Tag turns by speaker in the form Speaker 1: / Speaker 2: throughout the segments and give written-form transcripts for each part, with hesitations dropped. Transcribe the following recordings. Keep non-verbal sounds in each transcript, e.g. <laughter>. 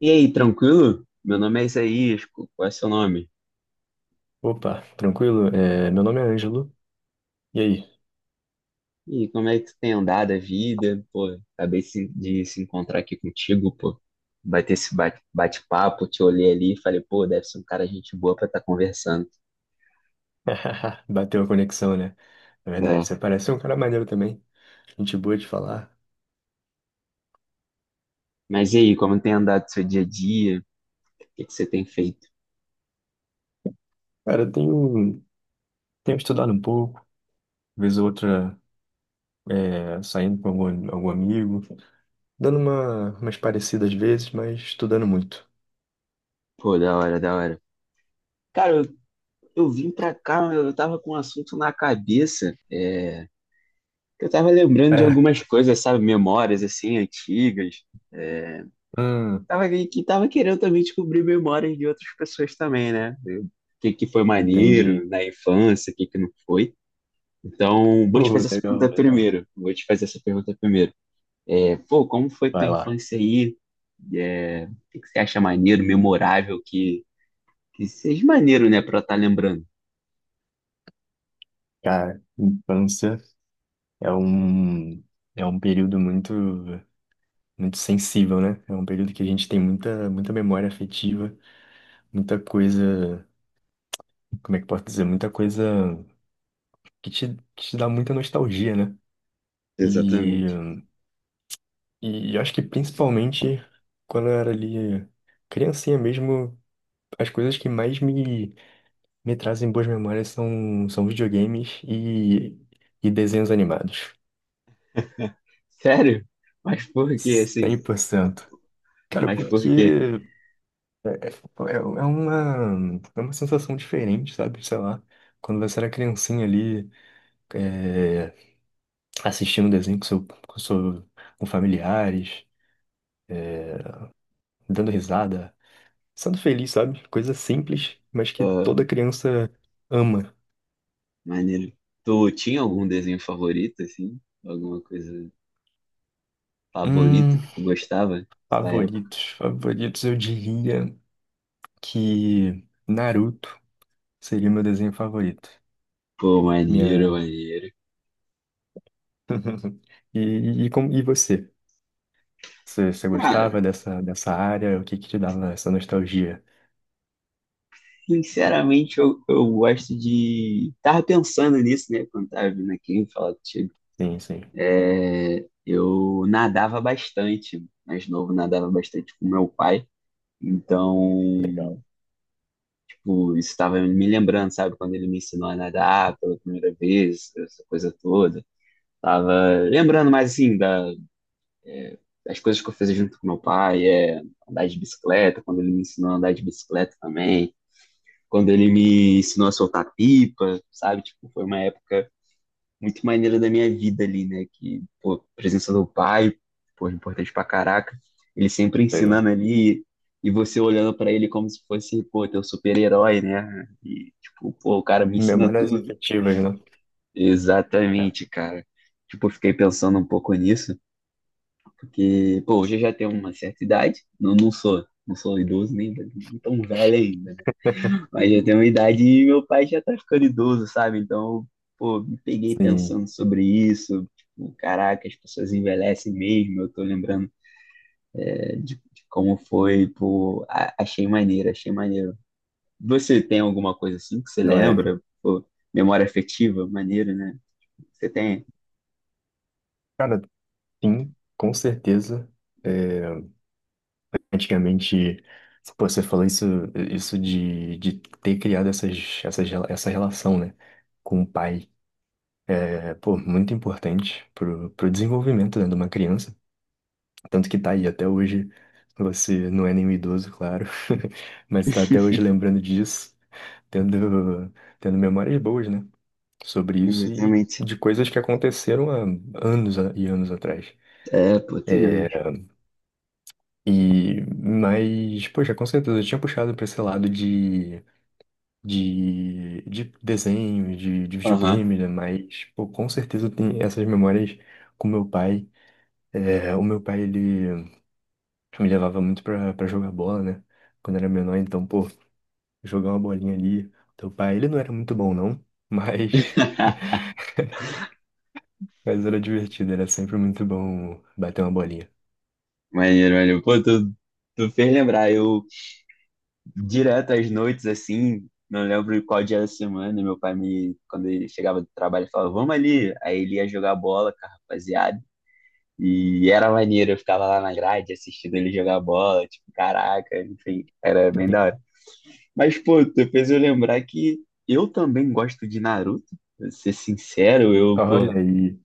Speaker 1: E aí, tranquilo? Meu nome é Isaías, qual é seu nome?
Speaker 2: Opa, tranquilo? É, meu nome é Ângelo. E aí?
Speaker 1: E como é que tu tem andado a vida? Pô, acabei de se encontrar aqui contigo, pô. Bater esse bate-papo, te olhei ali e falei, pô, deve ser um cara gente boa pra estar conversando.
Speaker 2: <laughs> Bateu a conexão, né? Na verdade,
Speaker 1: É.
Speaker 2: você parece um cara maneiro também. Gente boa de falar.
Speaker 1: Mas e aí, como tem andado o seu dia a dia? O que que você tem feito?
Speaker 2: Cara, eu tenho estudado um pouco, vez ou outra saindo com algum amigo, dando uma, umas parecidas vezes, mas estudando muito.
Speaker 1: Pô, da hora, da hora. Cara, eu vim pra cá, eu tava com um assunto na cabeça. Que Eu tava lembrando de
Speaker 2: É,
Speaker 1: algumas coisas, sabe, memórias assim antigas.
Speaker 2: hum,
Speaker 1: Tava, que tava querendo também descobrir memórias de outras pessoas também, né? O que foi
Speaker 2: entendi.
Speaker 1: maneiro na infância, o que não foi. Então, vou te
Speaker 2: Pô,
Speaker 1: fazer essa
Speaker 2: legal,
Speaker 1: pergunta
Speaker 2: legal.
Speaker 1: primeiro. Vou te fazer essa pergunta primeiro. É, pô, como foi tua
Speaker 2: Vai lá.
Speaker 1: infância aí? É, o que você acha maneiro, memorável, que seja maneiro, né, pra estar lembrando?
Speaker 2: Cara, infância é um, é um período muito sensível, né? É um período que a gente tem muita, muita memória afetiva, muita coisa, como é que eu posso dizer? Muita coisa que te dá muita nostalgia, né? E,
Speaker 1: Exatamente.
Speaker 2: e eu acho que principalmente quando eu era ali criancinha mesmo, as coisas que mais me trazem boas memórias são videogames e desenhos animados.
Speaker 1: Sério? Mas por quê, assim?
Speaker 2: 100%. Cara,
Speaker 1: Mas
Speaker 2: porque
Speaker 1: por quê?
Speaker 2: Tipo, é uma sensação diferente, sabe? Sei lá, quando você era criancinha ali, é, assistindo desenho com familiares, é, dando risada, sendo feliz, sabe? Coisa simples, mas que
Speaker 1: Ah,
Speaker 2: toda criança ama.
Speaker 1: maneiro. Tu tinha algum desenho favorito, assim? Alguma coisa favorito
Speaker 2: Hum,
Speaker 1: que tu gostava nessa época?
Speaker 2: favoritos, favoritos, eu diria que Naruto seria meu desenho favorito.
Speaker 1: Pô, maneiro,
Speaker 2: Minha.
Speaker 1: maneiro.
Speaker 2: <laughs> E você? Você
Speaker 1: Cara,
Speaker 2: gostava dessa área? O que que te dava essa nostalgia?
Speaker 1: sinceramente, eu gosto de. Tava pensando nisso, né? Quando tava vindo aqui falar contigo.
Speaker 2: Sim, sim.
Speaker 1: É, eu nadava bastante, mais novo, nadava bastante com meu pai. Então,
Speaker 2: Legal,
Speaker 1: tipo, isso estava me lembrando, sabe? Quando ele me ensinou a nadar pela primeira vez, essa coisa toda. Tava lembrando mais, assim, as coisas que eu fiz junto com meu pai é andar de bicicleta, quando ele me ensinou a andar de bicicleta também, quando ele me ensinou a soltar pipa, sabe? Tipo, foi uma época muito maneira da minha vida ali, né? Que, pô, a presença do pai, pô, importante pra caraca. Ele sempre ensinando
Speaker 2: legal.
Speaker 1: ali e você olhando pra ele como se fosse, pô, teu super-herói, né? E, tipo, pô, o cara me ensina
Speaker 2: Memórias
Speaker 1: tudo.
Speaker 2: afetivas, né? É.
Speaker 1: Exatamente, cara. Tipo, eu fiquei pensando um pouco nisso. Porque, pô, hoje eu já tenho uma certa idade, não, não sou idoso nem tão velho ainda, né?
Speaker 2: <laughs>
Speaker 1: Mas já tenho uma idade e meu pai já tá ficando idoso, sabe? Então, pô, me peguei
Speaker 2: Sim,
Speaker 1: pensando sobre isso, tipo, caraca, as pessoas envelhecem mesmo, eu tô lembrando de, como foi, pô, achei maneiro, achei maneiro. Você tem alguma coisa assim que você
Speaker 2: não é?
Speaker 1: lembra? Pô, memória afetiva, maneiro, né? Você tem?
Speaker 2: Cara, sim, com certeza. É, antigamente, pô, você falou isso de ter criado essas, essa relação, né? Com o pai. É, pô, muito importante pro desenvolvimento, né, de uma criança. Tanto que tá aí até hoje. Você não é nenhum idoso, claro, <laughs> mas tá até hoje
Speaker 1: <laughs>
Speaker 2: lembrando disso, tendo, tendo memórias boas, né? Sobre isso e
Speaker 1: Exatamente.
Speaker 2: de coisas que aconteceram há anos e anos atrás.
Speaker 1: É, pô, tem
Speaker 2: É,
Speaker 1: anos.
Speaker 2: e, mas, poxa, com certeza, eu tinha puxado para esse lado de desenho, de
Speaker 1: Aham.
Speaker 2: videogame, né? Mas, pô, com certeza tem essas memórias com meu pai. É, o meu pai, ele Eu me levava muito pra jogar bola, né? Quando era menor, então, pô, jogar uma bolinha ali. Teu pai, ele não era muito bom, não, mas, <laughs> mas era divertido, era sempre muito bom bater uma bolinha.
Speaker 1: Maneiro, maneiro. Pô, tu fez lembrar. Direto às noites, assim, não lembro qual dia da semana, meu pai quando ele chegava do trabalho, ele falava, vamos ali. Aí ele ia jogar bola com a rapaziada. E era maneiro, eu ficava lá na grade assistindo ele jogar bola, tipo, caraca, enfim, era bem da hora.
Speaker 2: <laughs>
Speaker 1: Mas, pô, tu fez eu lembrar que eu também gosto de Naruto, pra ser sincero, eu,
Speaker 2: Olha
Speaker 1: pô,
Speaker 2: aí,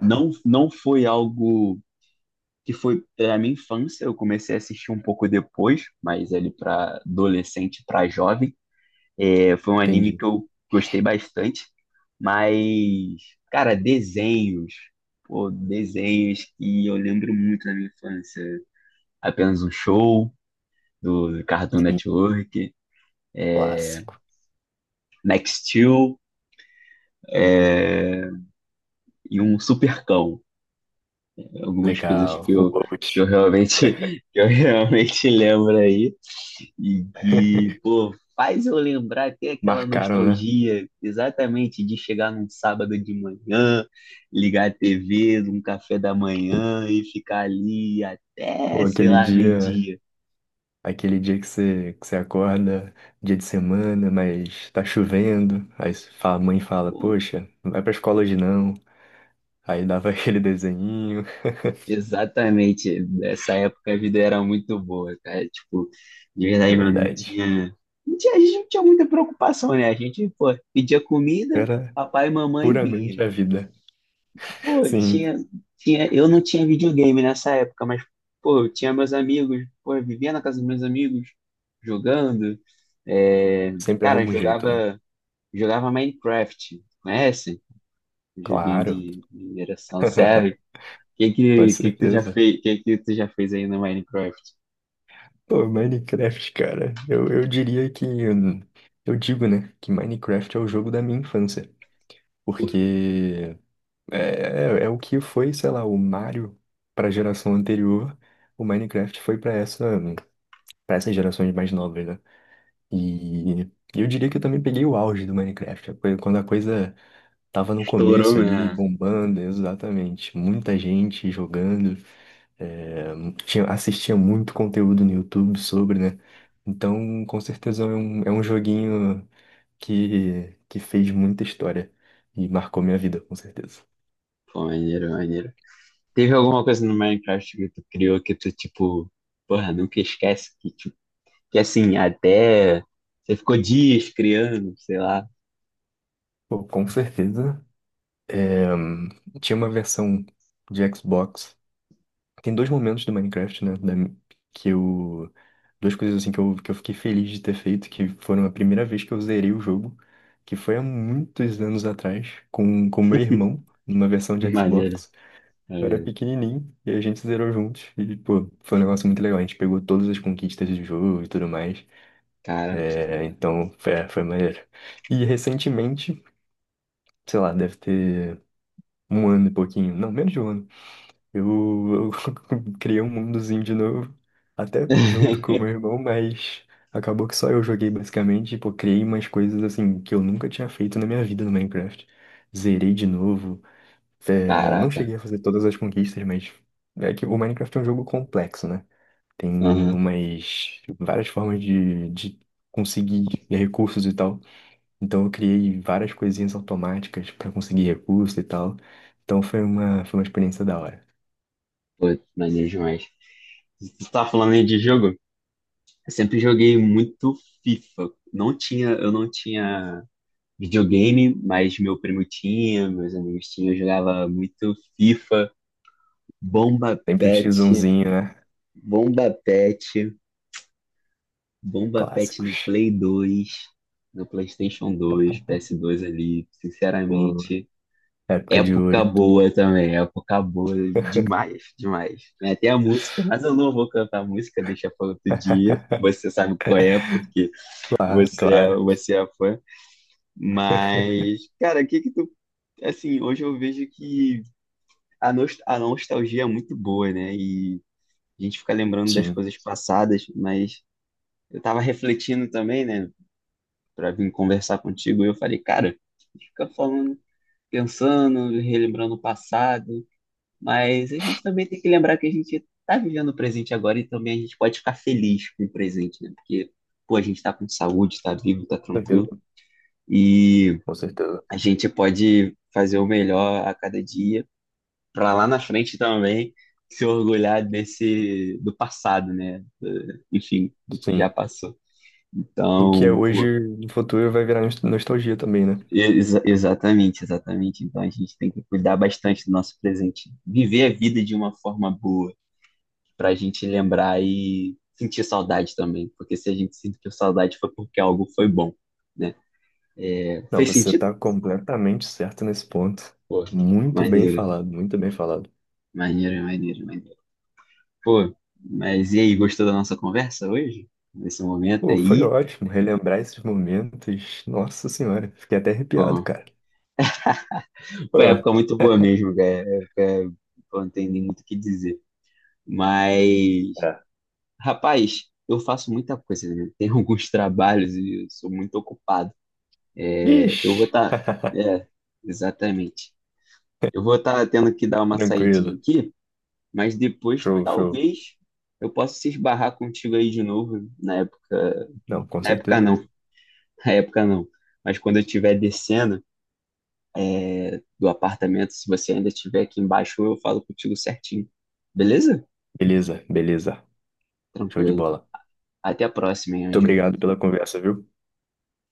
Speaker 1: não foi algo que foi a minha infância. Eu comecei a assistir um pouco depois, mas ele para adolescente, para jovem. É, foi um anime que
Speaker 2: entendi.
Speaker 1: eu gostei bastante. Mas, cara, desenhos. Pô, desenhos que eu lembro muito da minha infância. Apenas um show do Cartoon
Speaker 2: Sim,
Speaker 1: Network,
Speaker 2: clássico.
Speaker 1: Nextil e um Supercão. Algumas coisas
Speaker 2: Legal,
Speaker 1: que
Speaker 2: o
Speaker 1: eu, que eu
Speaker 2: Bolt.
Speaker 1: realmente
Speaker 2: <laughs>
Speaker 1: <laughs> que eu realmente lembro aí. E que, pô, faz eu lembrar, tem aquela
Speaker 2: Marcaram, né?
Speaker 1: nostalgia exatamente de chegar num sábado de manhã, ligar a TV, num café da manhã e ficar ali
Speaker 2: Pô,
Speaker 1: até, sei
Speaker 2: aquele
Speaker 1: lá,
Speaker 2: dia,
Speaker 1: meio-dia.
Speaker 2: aquele dia que você acorda, dia de semana, mas tá chovendo. Aí a mãe fala,
Speaker 1: Pô,
Speaker 2: poxa, não vai pra escola hoje não. Aí dava <laughs> aquele desenho.
Speaker 1: exatamente, nessa época a vida era muito boa, cara. Tipo, de
Speaker 2: É
Speaker 1: verdade, mano,
Speaker 2: verdade.
Speaker 1: a gente não tinha muita preocupação, né? A gente, pô, pedia comida,
Speaker 2: Era
Speaker 1: papai e mamãe
Speaker 2: puramente
Speaker 1: vinha.
Speaker 2: a vida.
Speaker 1: Pô,
Speaker 2: Sim,
Speaker 1: eu não tinha videogame nessa época, mas, pô, eu tinha meus amigos, pô, eu vivia na casa dos meus amigos, jogando, é,
Speaker 2: sempre
Speaker 1: cara, eu
Speaker 2: arruma um jeito, né?
Speaker 1: jogava Minecraft, conhece? Joguinho
Speaker 2: Claro,
Speaker 1: de geração, sério? O Que
Speaker 2: <laughs> com
Speaker 1: que, que que tu já
Speaker 2: certeza.
Speaker 1: fez, que tu já fez aí no Minecraft?
Speaker 2: Pô, Minecraft, cara, eu diria que. Eu digo, né, que Minecraft é o jogo da minha infância.
Speaker 1: Pô,
Speaker 2: Porque é, é o que foi, sei lá, o Mario para a geração anterior, o Minecraft foi para essa, para essas gerações mais novas, né? E eu diria que eu também peguei o auge do Minecraft, quando a coisa tava no
Speaker 1: estourou,
Speaker 2: começo ali,
Speaker 1: né?
Speaker 2: bombando, exatamente. Muita gente jogando. é, assistia muito conteúdo no YouTube sobre, né? Então, com certeza é um joguinho que fez muita história e marcou minha vida, com certeza.
Speaker 1: Pô, maneiro, maneiro. Teve alguma coisa no Minecraft que tu criou que tu, tipo, porra, nunca esquece que assim, até você ficou dias criando, sei lá.
Speaker 2: Pô, com certeza. é, tinha uma versão de Xbox. Tem dois momentos do Minecraft, né? da- que eu. Duas coisas assim que eu fiquei feliz de ter feito, que foram a primeira vez que eu zerei o jogo, que foi há muitos anos atrás, com meu irmão, numa versão de
Speaker 1: Maneiro,
Speaker 2: Xbox. Eu era
Speaker 1: maneiro.
Speaker 2: pequenininho e a gente zerou juntos. E, pô, foi um negócio muito legal. A gente pegou todas as conquistas do jogo e tudo mais.
Speaker 1: Caraca.
Speaker 2: É, então, foi maneiro. E recentemente, sei lá, deve ter um ano e pouquinho, não, menos de um ano. Eu <laughs> criei um mundozinho de novo, até junto com o
Speaker 1: <laughs>
Speaker 2: meu irmão, mas acabou que só eu joguei basicamente. Pô, criei umas coisas assim que eu nunca tinha feito na minha vida no Minecraft. Zerei de novo. É, não
Speaker 1: Caraca.
Speaker 2: cheguei a fazer todas as conquistas, mas é que o Minecraft é um jogo complexo, né? Tem
Speaker 1: Aham.
Speaker 2: umas várias formas de conseguir recursos e tal. Então eu criei várias coisinhas automáticas para conseguir recursos e tal. Então foi uma experiência da hora.
Speaker 1: Pô, maneiro demais. Você tá falando aí de jogo? Eu sempre joguei muito FIFA. Não tinha, eu não tinha videogame, mas meu primo tinha, meus amigos tinham. Eu jogava muito FIFA, Bomba
Speaker 2: Sempre um x 1,
Speaker 1: Pet,
Speaker 2: né?
Speaker 1: Bomba Pet. Bomba Pet no
Speaker 2: Clássicos.
Speaker 1: Play 2, no PlayStation 2, PS2 ali,
Speaker 2: Pô,
Speaker 1: sinceramente,
Speaker 2: época de
Speaker 1: época
Speaker 2: ouro.
Speaker 1: boa também, época boa demais, demais. Tem até a música, mas eu não vou cantar a música, deixa para outro dia.
Speaker 2: <laughs>
Speaker 1: Você sabe qual é, porque
Speaker 2: Claro, claro.
Speaker 1: você é fã. Mas, cara, o que que tu, assim, hoje eu vejo que a nostalgia é muito boa, né? E a gente fica lembrando das
Speaker 2: Sim,
Speaker 1: coisas passadas, mas eu tava refletindo também, né, para vir conversar contigo. E eu falei, cara, fica falando, pensando, relembrando o passado, mas a gente também tem que lembrar que a gente tá vivendo o presente agora e também a gente pode ficar feliz com o presente, né? Porque, pô, a gente tá com saúde, tá vivo, tá
Speaker 2: com
Speaker 1: tranquilo
Speaker 2: certeza.
Speaker 1: e
Speaker 2: Com certeza.
Speaker 1: a gente pode fazer o melhor a cada dia para lá na frente também se orgulhar desse do passado, né? Enfim, do que já
Speaker 2: Sim.
Speaker 1: passou.
Speaker 2: O que é
Speaker 1: Então, pô,
Speaker 2: hoje, no futuro, vai virar nostalgia também, né?
Speaker 1: Exatamente, exatamente. Então a gente tem que cuidar bastante do nosso presente, viver a vida de uma forma boa, para a gente lembrar e sentir saudade também, porque se a gente sentir saudade foi porque algo foi bom, né?
Speaker 2: Não,
Speaker 1: Fez
Speaker 2: você
Speaker 1: sentido?
Speaker 2: tá completamente certo nesse ponto.
Speaker 1: Pô,
Speaker 2: Muito bem
Speaker 1: maneiro,
Speaker 2: falado, muito bem falado.
Speaker 1: maneiro, maneiro, maneiro. Pô, mas e aí, gostou da nossa conversa hoje? Nesse momento
Speaker 2: Pô, foi
Speaker 1: aí?
Speaker 2: ótimo relembrar esses momentos. Nossa Senhora, fiquei até arrepiado,
Speaker 1: Pô,
Speaker 2: cara. Pô,
Speaker 1: foi uma época muito boa mesmo, cara. É, é, pô, não tem nem muito o que dizer. Mas
Speaker 2: é.
Speaker 1: rapaz, eu faço muita coisa, né? <laughs> Tem alguns trabalhos e eu sou muito ocupado. Eu vou
Speaker 2: Ixi,
Speaker 1: estar.
Speaker 2: <laughs>
Speaker 1: é, exatamente. Eu vou estar tendo que dar uma saidinha
Speaker 2: tranquilo.
Speaker 1: aqui, mas depois
Speaker 2: Show, show.
Speaker 1: talvez eu possa se esbarrar contigo aí de novo na época.
Speaker 2: Não, com
Speaker 1: Na época
Speaker 2: certeza.
Speaker 1: não, <laughs> na época não. Mas quando eu estiver descendo do apartamento, se você ainda estiver aqui embaixo, eu falo contigo certinho. Beleza?
Speaker 2: Beleza, beleza. Show de
Speaker 1: Tranquilo.
Speaker 2: bola.
Speaker 1: Até a próxima, hein,
Speaker 2: Muito
Speaker 1: Ângelo.
Speaker 2: obrigado pela conversa, viu?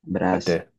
Speaker 1: Abraço.
Speaker 2: Até.